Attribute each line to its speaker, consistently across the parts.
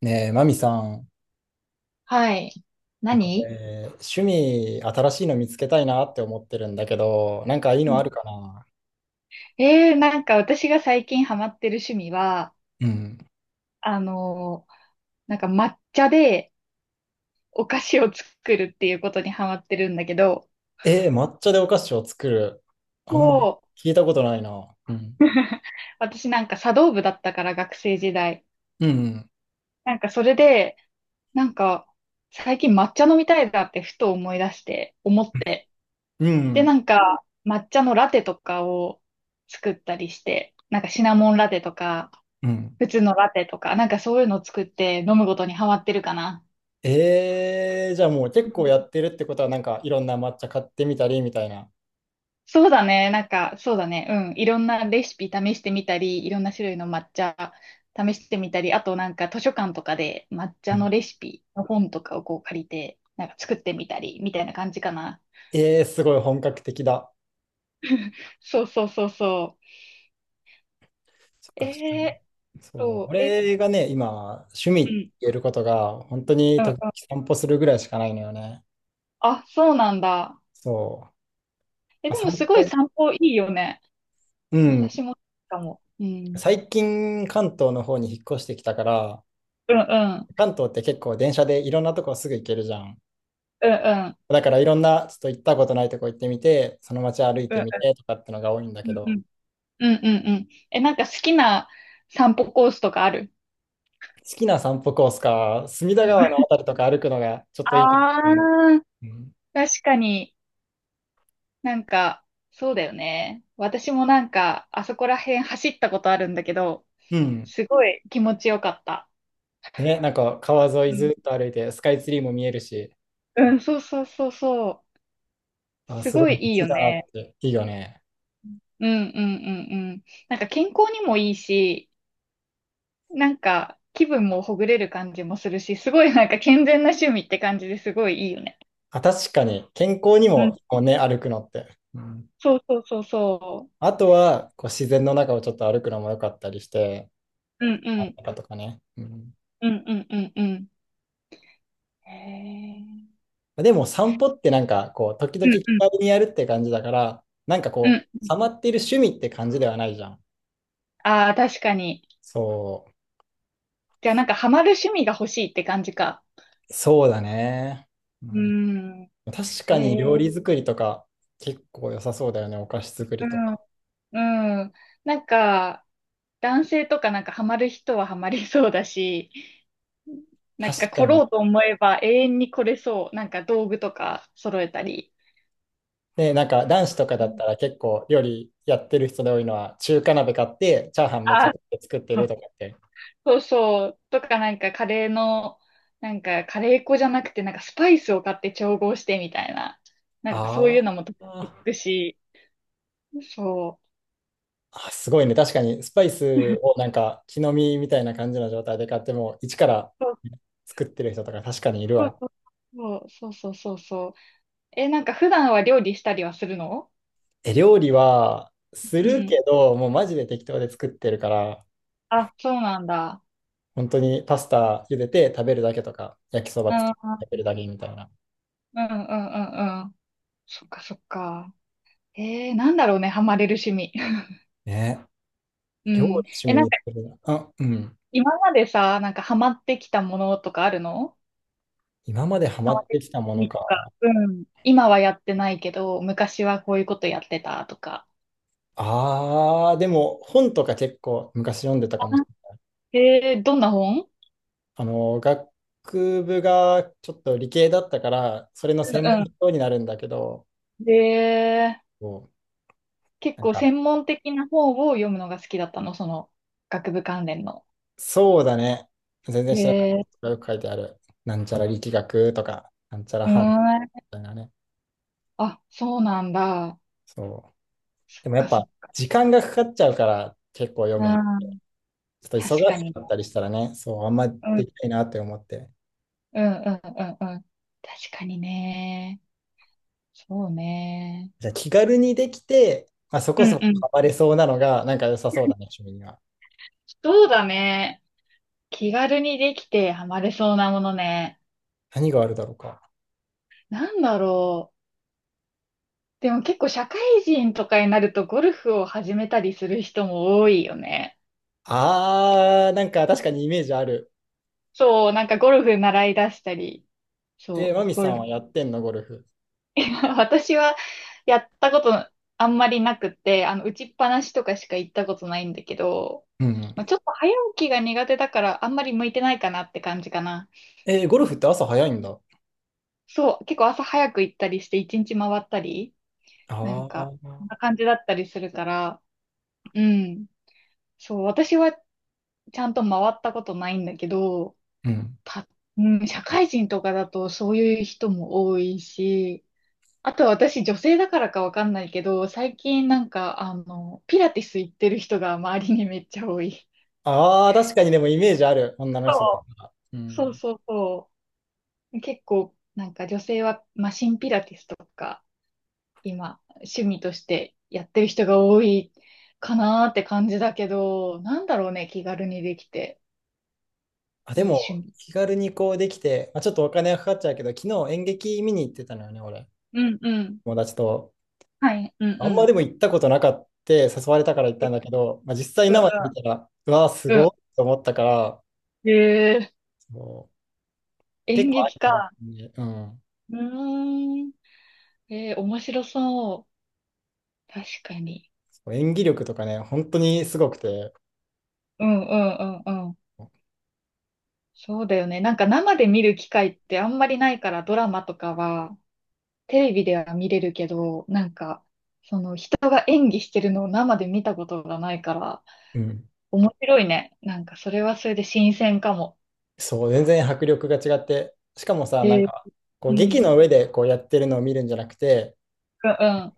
Speaker 1: ねえ、マミさん、
Speaker 2: はい。何。
Speaker 1: 俺、趣味新しいの見つけたいなって思ってるんだけど、なんかいい
Speaker 2: う
Speaker 1: のあ
Speaker 2: ん。
Speaker 1: るかな？
Speaker 2: なんか私が最近ハマってる趣味は、
Speaker 1: うん。
Speaker 2: あのーなんか抹茶でお菓子を作るっていうことにハマってるんだけど、
Speaker 1: えー、抹茶でお菓子を作る。あんまり
Speaker 2: もう、
Speaker 1: 聞いたことないな。うん。
Speaker 2: 私なんか茶道部だったから学生時代。
Speaker 1: うん。
Speaker 2: なんかそれで、なんか最近抹茶飲みたいなってふと思い出して、思って。
Speaker 1: う
Speaker 2: で、
Speaker 1: ん。
Speaker 2: なんか抹茶のラテとかを作ったりして、なんかシナモンラテとか、
Speaker 1: うん。
Speaker 2: 普通のラテとか、なんかそういうのを作って飲むことにハマってるかな。
Speaker 1: えー、じゃあもう結構やってるってことは、なんかいろんな抹茶買ってみたりみたいな。
Speaker 2: そうだね。なんか、そうだね。うん。いろんなレシピ試してみたり、いろんな種類の抹茶試してみたり、あとなんか図書館とかで抹
Speaker 1: う
Speaker 2: 茶
Speaker 1: ん。
Speaker 2: のレシピの本とかをこう借りて、なんか作ってみたり、みたいな感じかな。
Speaker 1: えー、すごい本格的だ。
Speaker 2: そうそうそうそ
Speaker 1: そっ
Speaker 2: う。
Speaker 1: か、確かに。そう、
Speaker 2: そう、え、
Speaker 1: 俺がね、今、趣味っ
Speaker 2: う
Speaker 1: て
Speaker 2: ん。
Speaker 1: 言えることが、本当に
Speaker 2: う
Speaker 1: 時々
Speaker 2: ん。
Speaker 1: 散歩するぐらいしかないのよね。
Speaker 2: あ、そうなんだ。
Speaker 1: そう。
Speaker 2: え、
Speaker 1: まあ、
Speaker 2: でも
Speaker 1: 散
Speaker 2: すごい
Speaker 1: 歩。
Speaker 2: 散歩いいよね。
Speaker 1: うん。
Speaker 2: 私もかも。うん。
Speaker 1: 最近、関東の方に引っ越してきたから、
Speaker 2: うんうん。
Speaker 1: 関東って結構電車でいろんなとこすぐ行けるじゃん。
Speaker 2: うんうん。
Speaker 1: だからいろんな、ちょっと行ったことないとこ行ってみて、その街歩い
Speaker 2: うん
Speaker 1: て
Speaker 2: う
Speaker 1: み
Speaker 2: ん。
Speaker 1: てとかってのが多いんだけ
Speaker 2: うんう
Speaker 1: ど、
Speaker 2: ん。うんうんうん。え、なんか好きな散歩コースとかある？
Speaker 1: 好きな散歩コースか、隅田川のあたりとか歩くのがちょっといいかも
Speaker 2: あ
Speaker 1: しれない。
Speaker 2: あ、
Speaker 1: うん。
Speaker 2: 確かに。なんか、そうだよね。私もなんか、あそこら辺走ったことあるんだけど、
Speaker 1: うん。
Speaker 2: すごい気持ちよかった。
Speaker 1: ね、なんか川沿い
Speaker 2: うん、
Speaker 1: ずっと歩いて、スカイツリーも見えるし、
Speaker 2: うん、そうそうそうそう。
Speaker 1: あ、
Speaker 2: す
Speaker 1: すご
Speaker 2: ごい
Speaker 1: い
Speaker 2: いい
Speaker 1: 道
Speaker 2: よ
Speaker 1: だな
Speaker 2: ね。
Speaker 1: って、いいよね。
Speaker 2: うんうんうんうん。なんか健康にもいいし、なんか気分もほぐれる感じもするし、すごいなんか健全な趣味って感じですごいいいよね。
Speaker 1: あ、確かに、健康に
Speaker 2: うん。
Speaker 1: も、こうね、歩くのって。うん。
Speaker 2: そうそうそうそ
Speaker 1: あとは、こう自然の中をちょっと歩くのも良かったりして、
Speaker 2: う。うんう
Speaker 1: 真ん
Speaker 2: ん。
Speaker 1: 中とかね。うん、
Speaker 2: うんうんうんうん。へえ。
Speaker 1: でも散歩ってなんかこう、時
Speaker 2: う
Speaker 1: 々
Speaker 2: ん
Speaker 1: 気
Speaker 2: うん。
Speaker 1: 軽にやるって感じだから、なんか
Speaker 2: う
Speaker 1: こう、
Speaker 2: ん。
Speaker 1: ハマっている趣味って感じではないじゃん。
Speaker 2: ああ、確かに。
Speaker 1: そ
Speaker 2: じゃあなんかハマる趣味が欲しいって感じか。
Speaker 1: そうだね。う
Speaker 2: うー
Speaker 1: ん、
Speaker 2: ん。
Speaker 1: 確
Speaker 2: え
Speaker 1: かに料
Speaker 2: え。
Speaker 1: 理作りとか、結構良さそうだよね、お菓子作
Speaker 2: う
Speaker 1: りと
Speaker 2: ん。
Speaker 1: か。
Speaker 2: うん。なんか、男性とかなんかハマる人はハマりそうだし、なん
Speaker 1: 確
Speaker 2: か
Speaker 1: か
Speaker 2: 来ろ
Speaker 1: に。
Speaker 2: うと思えば永遠に来れそう。なんか道具とか揃えたり。
Speaker 1: で、なんか男子とか
Speaker 2: う
Speaker 1: だっ
Speaker 2: ん。
Speaker 1: たら結構料理やってる人で多いのは、中華鍋買って、チャーハンめちゃ
Speaker 2: あ
Speaker 1: くちゃ作ってる
Speaker 2: ー、
Speaker 1: とかって。
Speaker 2: そうそう。とかなんかカレーの、なんかカレー粉じゃなくてなんかスパイスを買って調合してみたいな。なんかそういう
Speaker 1: あ
Speaker 2: のも得
Speaker 1: あ。
Speaker 2: 意し、そ
Speaker 1: あ、すごいね。確かに、スパイ
Speaker 2: う。
Speaker 1: ス をなんか、木の実みたいな感じの状態で買っても、一から作ってる人とか確かにいる
Speaker 2: そう
Speaker 1: わ。
Speaker 2: そうそうそうそうそう。え、なんか普段は料理したりはするの？
Speaker 1: え、料理はす
Speaker 2: う
Speaker 1: る
Speaker 2: ん。
Speaker 1: けど、もうマジで適当で作ってるから、
Speaker 2: あ、そうなんだ。
Speaker 1: 本当にパスタ茹でて食べるだけとか、焼きそ
Speaker 2: う
Speaker 1: ば
Speaker 2: ん、
Speaker 1: 作って食
Speaker 2: うん、
Speaker 1: べるだけみたいな。
Speaker 2: うん、うんうん。そっかそっか。なんだろうね、ハマれる趣味。
Speaker 1: ね、
Speaker 2: う
Speaker 1: 料理
Speaker 2: ん。
Speaker 1: 趣
Speaker 2: え、
Speaker 1: 味
Speaker 2: なん
Speaker 1: に
Speaker 2: か
Speaker 1: するな。あ、うん。
Speaker 2: 今までさ、なんかハマってきたものとかあるの？
Speaker 1: 今までハ
Speaker 2: ハ
Speaker 1: マ
Speaker 2: マっ
Speaker 1: っ
Speaker 2: てき
Speaker 1: て
Speaker 2: た
Speaker 1: きたも
Speaker 2: 趣
Speaker 1: の
Speaker 2: 味とか。
Speaker 1: か。
Speaker 2: うん。今はやってないけど、昔はこういうことやってたとか。
Speaker 1: あー、でも本とか結構昔読んでた
Speaker 2: あ、
Speaker 1: かも。
Speaker 2: どんな本？
Speaker 1: あの、学部がちょっと理系だったから、それの専
Speaker 2: う
Speaker 1: 門の
Speaker 2: ん
Speaker 1: 人になるんだけど、
Speaker 2: うん。
Speaker 1: こ
Speaker 2: 結
Speaker 1: なん
Speaker 2: 構
Speaker 1: か、
Speaker 2: 専門的な方を読むのが好きだったの、その学部関連の。
Speaker 1: そうだね。全然
Speaker 2: へ
Speaker 1: 知らないこと
Speaker 2: え、
Speaker 1: がよく書いてある。なんちゃら力学とか、なんちゃら
Speaker 2: う
Speaker 1: 反応み
Speaker 2: ーん。
Speaker 1: たいなね。
Speaker 2: あ、そうなんだ。
Speaker 1: そう。
Speaker 2: そっ
Speaker 1: でもやっ
Speaker 2: かそ
Speaker 1: ぱ、
Speaker 2: っか。
Speaker 1: 時間がかかっちゃうから、結構読
Speaker 2: う
Speaker 1: むの。ち
Speaker 2: ん、
Speaker 1: ょっと忙
Speaker 2: 確か
Speaker 1: し
Speaker 2: に。
Speaker 1: かったりしたらね、そう、あんま
Speaker 2: うん、
Speaker 1: できないなって思って。
Speaker 2: うん、うん、うん、うん。確かにね。そうね。
Speaker 1: じゃあ気軽にできて、まあ、そこ
Speaker 2: うん
Speaker 1: そこ
Speaker 2: うん。
Speaker 1: ハマれそうなのが、なんか良さそうだね、趣味には。
Speaker 2: そうだね。気軽にできてハマれそうなものね。
Speaker 1: 何があるだろうか。
Speaker 2: なんだろう。でも結構社会人とかになるとゴルフを始めたりする人も多いよね。
Speaker 1: あー、なんか確かにイメージある。
Speaker 2: そう、なんかゴルフ習い出したり、
Speaker 1: えー、
Speaker 2: そ
Speaker 1: マ
Speaker 2: う、
Speaker 1: ミ
Speaker 2: ゴ
Speaker 1: さ
Speaker 2: ル
Speaker 1: んは
Speaker 2: フ。
Speaker 1: やってんの、ゴルフ。
Speaker 2: 私はやったことあんまりなくて、打ちっぱなしとかしか行ったことないんだけど、
Speaker 1: うんうん。
Speaker 2: まあ、ちょっと早起きが苦手だからあんまり向いてないかなって感じかな。
Speaker 1: えー、ゴルフって朝早いんだ。
Speaker 2: そう、結構朝早く行ったりして一日回ったり、なん
Speaker 1: あ
Speaker 2: か、そんな
Speaker 1: あ。
Speaker 2: 感じだったりするから、うん。そう、私はちゃんと回ったことないんだけど、
Speaker 1: うん。
Speaker 2: た、うん、社会人とかだとそういう人も多いし、あとは私、女性だからかわかんないけど、最近なんか、ピラティス行ってる人が周りにめっちゃ多い。
Speaker 1: ああ、確かにでもイメージある、女の人だったら。う
Speaker 2: そう
Speaker 1: ん。
Speaker 2: そうそうそう。結構、なんか女性はマシンピラティスとか、今、趣味としてやってる人が多いかなーって感じだけど、なんだろうね、気軽にできて、
Speaker 1: あ、で
Speaker 2: いい
Speaker 1: も、
Speaker 2: 趣味。
Speaker 1: 気軽にこうできて、まあ、ちょっとお金がかかっちゃうけど、昨日演劇見に行ってたのよね、俺。
Speaker 2: うんうん。
Speaker 1: 友達と。
Speaker 2: はい、うん
Speaker 1: あ
Speaker 2: う
Speaker 1: んまで
Speaker 2: ん。
Speaker 1: も行ったことなかった、誘われたから行ったんだけど、まあ、実際
Speaker 2: う
Speaker 1: 生で見た
Speaker 2: ん
Speaker 1: ら、うわー、す
Speaker 2: うん。う
Speaker 1: ごいと思ったから、
Speaker 2: ん。
Speaker 1: そう、結
Speaker 2: 演
Speaker 1: 構あ
Speaker 2: 劇
Speaker 1: るかもし
Speaker 2: か。
Speaker 1: れない。うん。
Speaker 2: うーん。面白そう。確かに。
Speaker 1: そう、演技力とかね、本当にすごくて、
Speaker 2: うんうんうんうん。そうだよね。なんか生で見る機会ってあんまりないからドラマとかはテレビでは見れるけど、なんかその人が演技してるのを生で見たことがないから
Speaker 1: うん。
Speaker 2: 面白いね。なんかそれはそれで新鮮かも。
Speaker 1: そう、全然迫力が違って、しかもさ、な
Speaker 2: え
Speaker 1: ん
Speaker 2: ー、
Speaker 1: か、こ
Speaker 2: う
Speaker 1: う劇の
Speaker 2: ん。
Speaker 1: 上でこうやってるのを見るんじゃなくて、
Speaker 2: うん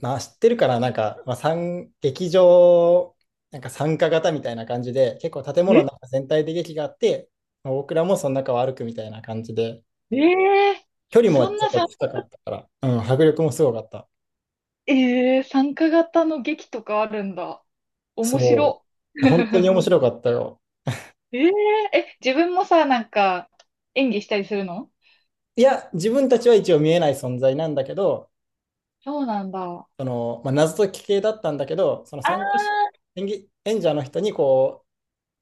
Speaker 1: まあ、知ってるから、なんか、まあ、参劇場、なんか参加型みたいな感じで、結構建
Speaker 2: うん。
Speaker 1: 物
Speaker 2: え、
Speaker 1: の中全体で劇があって、まあ僕らもその中を歩くみたいな感じで、
Speaker 2: えー
Speaker 1: 距離も
Speaker 2: そん
Speaker 1: ちょ
Speaker 2: な
Speaker 1: っと
Speaker 2: さ、
Speaker 1: 近かったから、うん、迫力もすごかった。
Speaker 2: 参加型の劇とかあるんだ。面
Speaker 1: そ
Speaker 2: 白。
Speaker 1: う、本当に面白かったよ。
Speaker 2: えー、え、自分もさ、なんか演技したりするの？
Speaker 1: いや、自分たちは一応見えない存在なんだけど、
Speaker 2: そうなんだ。
Speaker 1: その、まあ、謎解き系だったんだけど、その
Speaker 2: あ
Speaker 1: 参加し、
Speaker 2: あ、
Speaker 1: 演技、演者の人にこ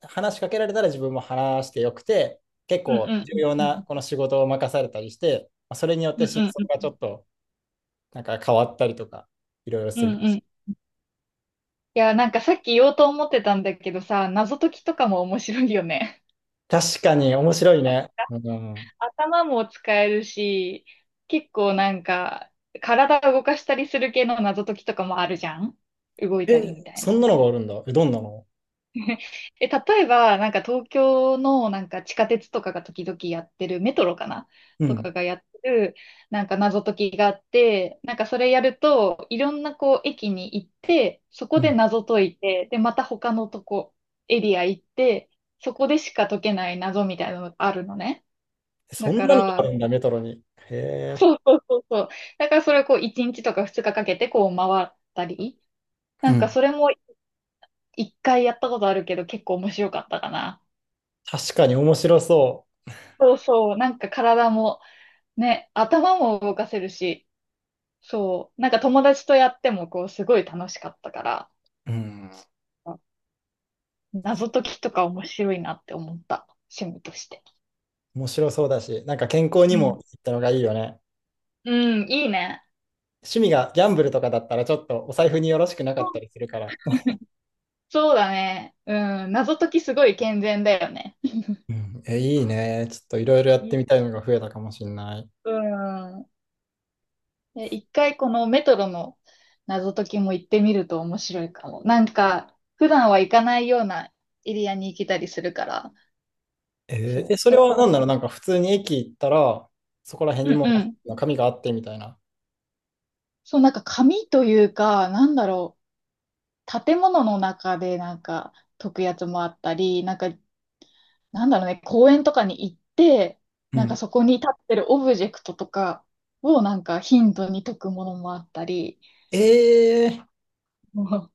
Speaker 1: う、話しかけられたら自分も話してよくて、結
Speaker 2: うんう
Speaker 1: 構
Speaker 2: ん
Speaker 1: 重
Speaker 2: うん
Speaker 1: 要
Speaker 2: う
Speaker 1: な
Speaker 2: ん。
Speaker 1: この仕事を任されたりして、まあ、それによっ
Speaker 2: うん
Speaker 1: て真
Speaker 2: うん
Speaker 1: 相が
Speaker 2: う
Speaker 1: ち
Speaker 2: ん。
Speaker 1: ょっとなんか変わったりとか、いろいろ
Speaker 2: う
Speaker 1: す
Speaker 2: ん
Speaker 1: るら
Speaker 2: う
Speaker 1: し
Speaker 2: ん。い
Speaker 1: い。
Speaker 2: や、なんかさっき言おうと思ってたんだけどさ、謎解きとかも面白いよね。
Speaker 1: 確かに面白いね。うん。
Speaker 2: 頭も使えるし、結構なんか、体を動かしたりする系の謎解きとかもあるじゃん。動いたりみ
Speaker 1: え、
Speaker 2: たい
Speaker 1: そ
Speaker 2: な。
Speaker 1: んなのがあるんだ。え、どんなの？
Speaker 2: え、例えば、なんか東京のなんか地下鉄とかが時々やってる、メトロかな、
Speaker 1: う
Speaker 2: と
Speaker 1: ん。
Speaker 2: かがやってる、なんか謎解きがあって、なんかそれやると、いろんなこう駅に行って、そ
Speaker 1: う
Speaker 2: こで
Speaker 1: ん。
Speaker 2: 謎解いて、で、また他のとこ、エリア行って、そこでしか解けない謎みたいなのがあるのね。だ
Speaker 1: そん
Speaker 2: か
Speaker 1: なのがあ
Speaker 2: ら、
Speaker 1: るんだ、メトロに。へえ。
Speaker 2: そうそうそうそう。だからそれをこう1日とか2日かかけてこう回ったり、
Speaker 1: う
Speaker 2: なんか
Speaker 1: ん。
Speaker 2: それも1回やったことあるけど結構面白かったかな。
Speaker 1: 確かに面白そ
Speaker 2: そうそう、なんか体もね、頭も動かせるし、そう、なんか友達とやってもこうすごい楽しかったから、
Speaker 1: う。うん。確か
Speaker 2: 謎解きとか面白いなって思った、趣味として。
Speaker 1: に面白そうだし、なんか健康
Speaker 2: う
Speaker 1: に
Speaker 2: ん。
Speaker 1: もいいったのがいいよね。
Speaker 2: うん、いいね。
Speaker 1: 趣味がギャンブルとかだったらちょっとお財布によろしくなか
Speaker 2: う
Speaker 1: った
Speaker 2: ん。
Speaker 1: りするから。
Speaker 2: そうだね。うん、謎解きすごい健全だよね。
Speaker 1: うん、え、いいね。ちょっといろいろやって
Speaker 2: い
Speaker 1: みたいのが増えたかもしれない。
Speaker 2: うん。で一回このメトロの謎解きも行ってみると面白いかも。なんか、普段は行かないようなエリアに行けたりするから、
Speaker 1: え
Speaker 2: そ
Speaker 1: ー
Speaker 2: う、
Speaker 1: え、そ
Speaker 2: そ
Speaker 1: れ
Speaker 2: れ
Speaker 1: は
Speaker 2: も、
Speaker 1: 何だろう、なんか普通に駅行ったら、そこら辺
Speaker 2: う
Speaker 1: に
Speaker 2: ん
Speaker 1: も
Speaker 2: うん。
Speaker 1: う紙があってみたいな。
Speaker 2: そう、なんか紙というか、なんだろう、建物の中でなんか解くやつもあったり、なんか、なんだろうね、公園とかに行って、
Speaker 1: う
Speaker 2: なんか
Speaker 1: ん。
Speaker 2: そこに立ってるオブジェクトとかをなんか頻度に解くものもあったり、
Speaker 1: えー、
Speaker 2: もう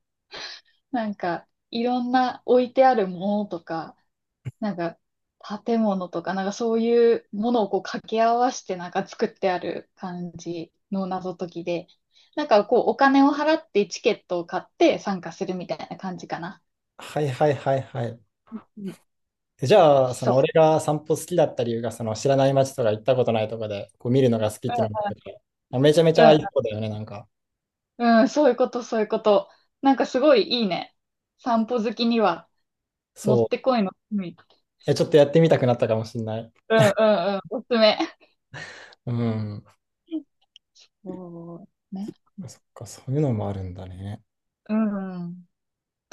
Speaker 2: なんかいろんな置いてあるものとか、なんか、建物とか、なんかそういうものをこう掛け合わせてなんか作ってある感じの謎解きで、なんかこうお金を払ってチケットを買って参加するみたいな感じかな。
Speaker 1: はいはいはいはい。
Speaker 2: うん。
Speaker 1: じゃあ、その
Speaker 2: そ
Speaker 1: 俺が散歩好きだった理由が、その知らない街とか行ったことないとかで、こう見るのが好きっていうのもあっか、めちゃめち
Speaker 2: う。
Speaker 1: ゃいい
Speaker 2: う
Speaker 1: 子だよね、なんか。
Speaker 2: ん。うん、そういうこと、そういうこと。なんかすごいいいね。散歩好きにはもっ
Speaker 1: そ
Speaker 2: てこいの罪。
Speaker 1: う。え、ちょっとやってみたくなったかもしれない。
Speaker 2: うんうんうん。おすすめ。
Speaker 1: うん。
Speaker 2: そうね。
Speaker 1: そっか、そういうのもあるんだね。
Speaker 2: うん。どう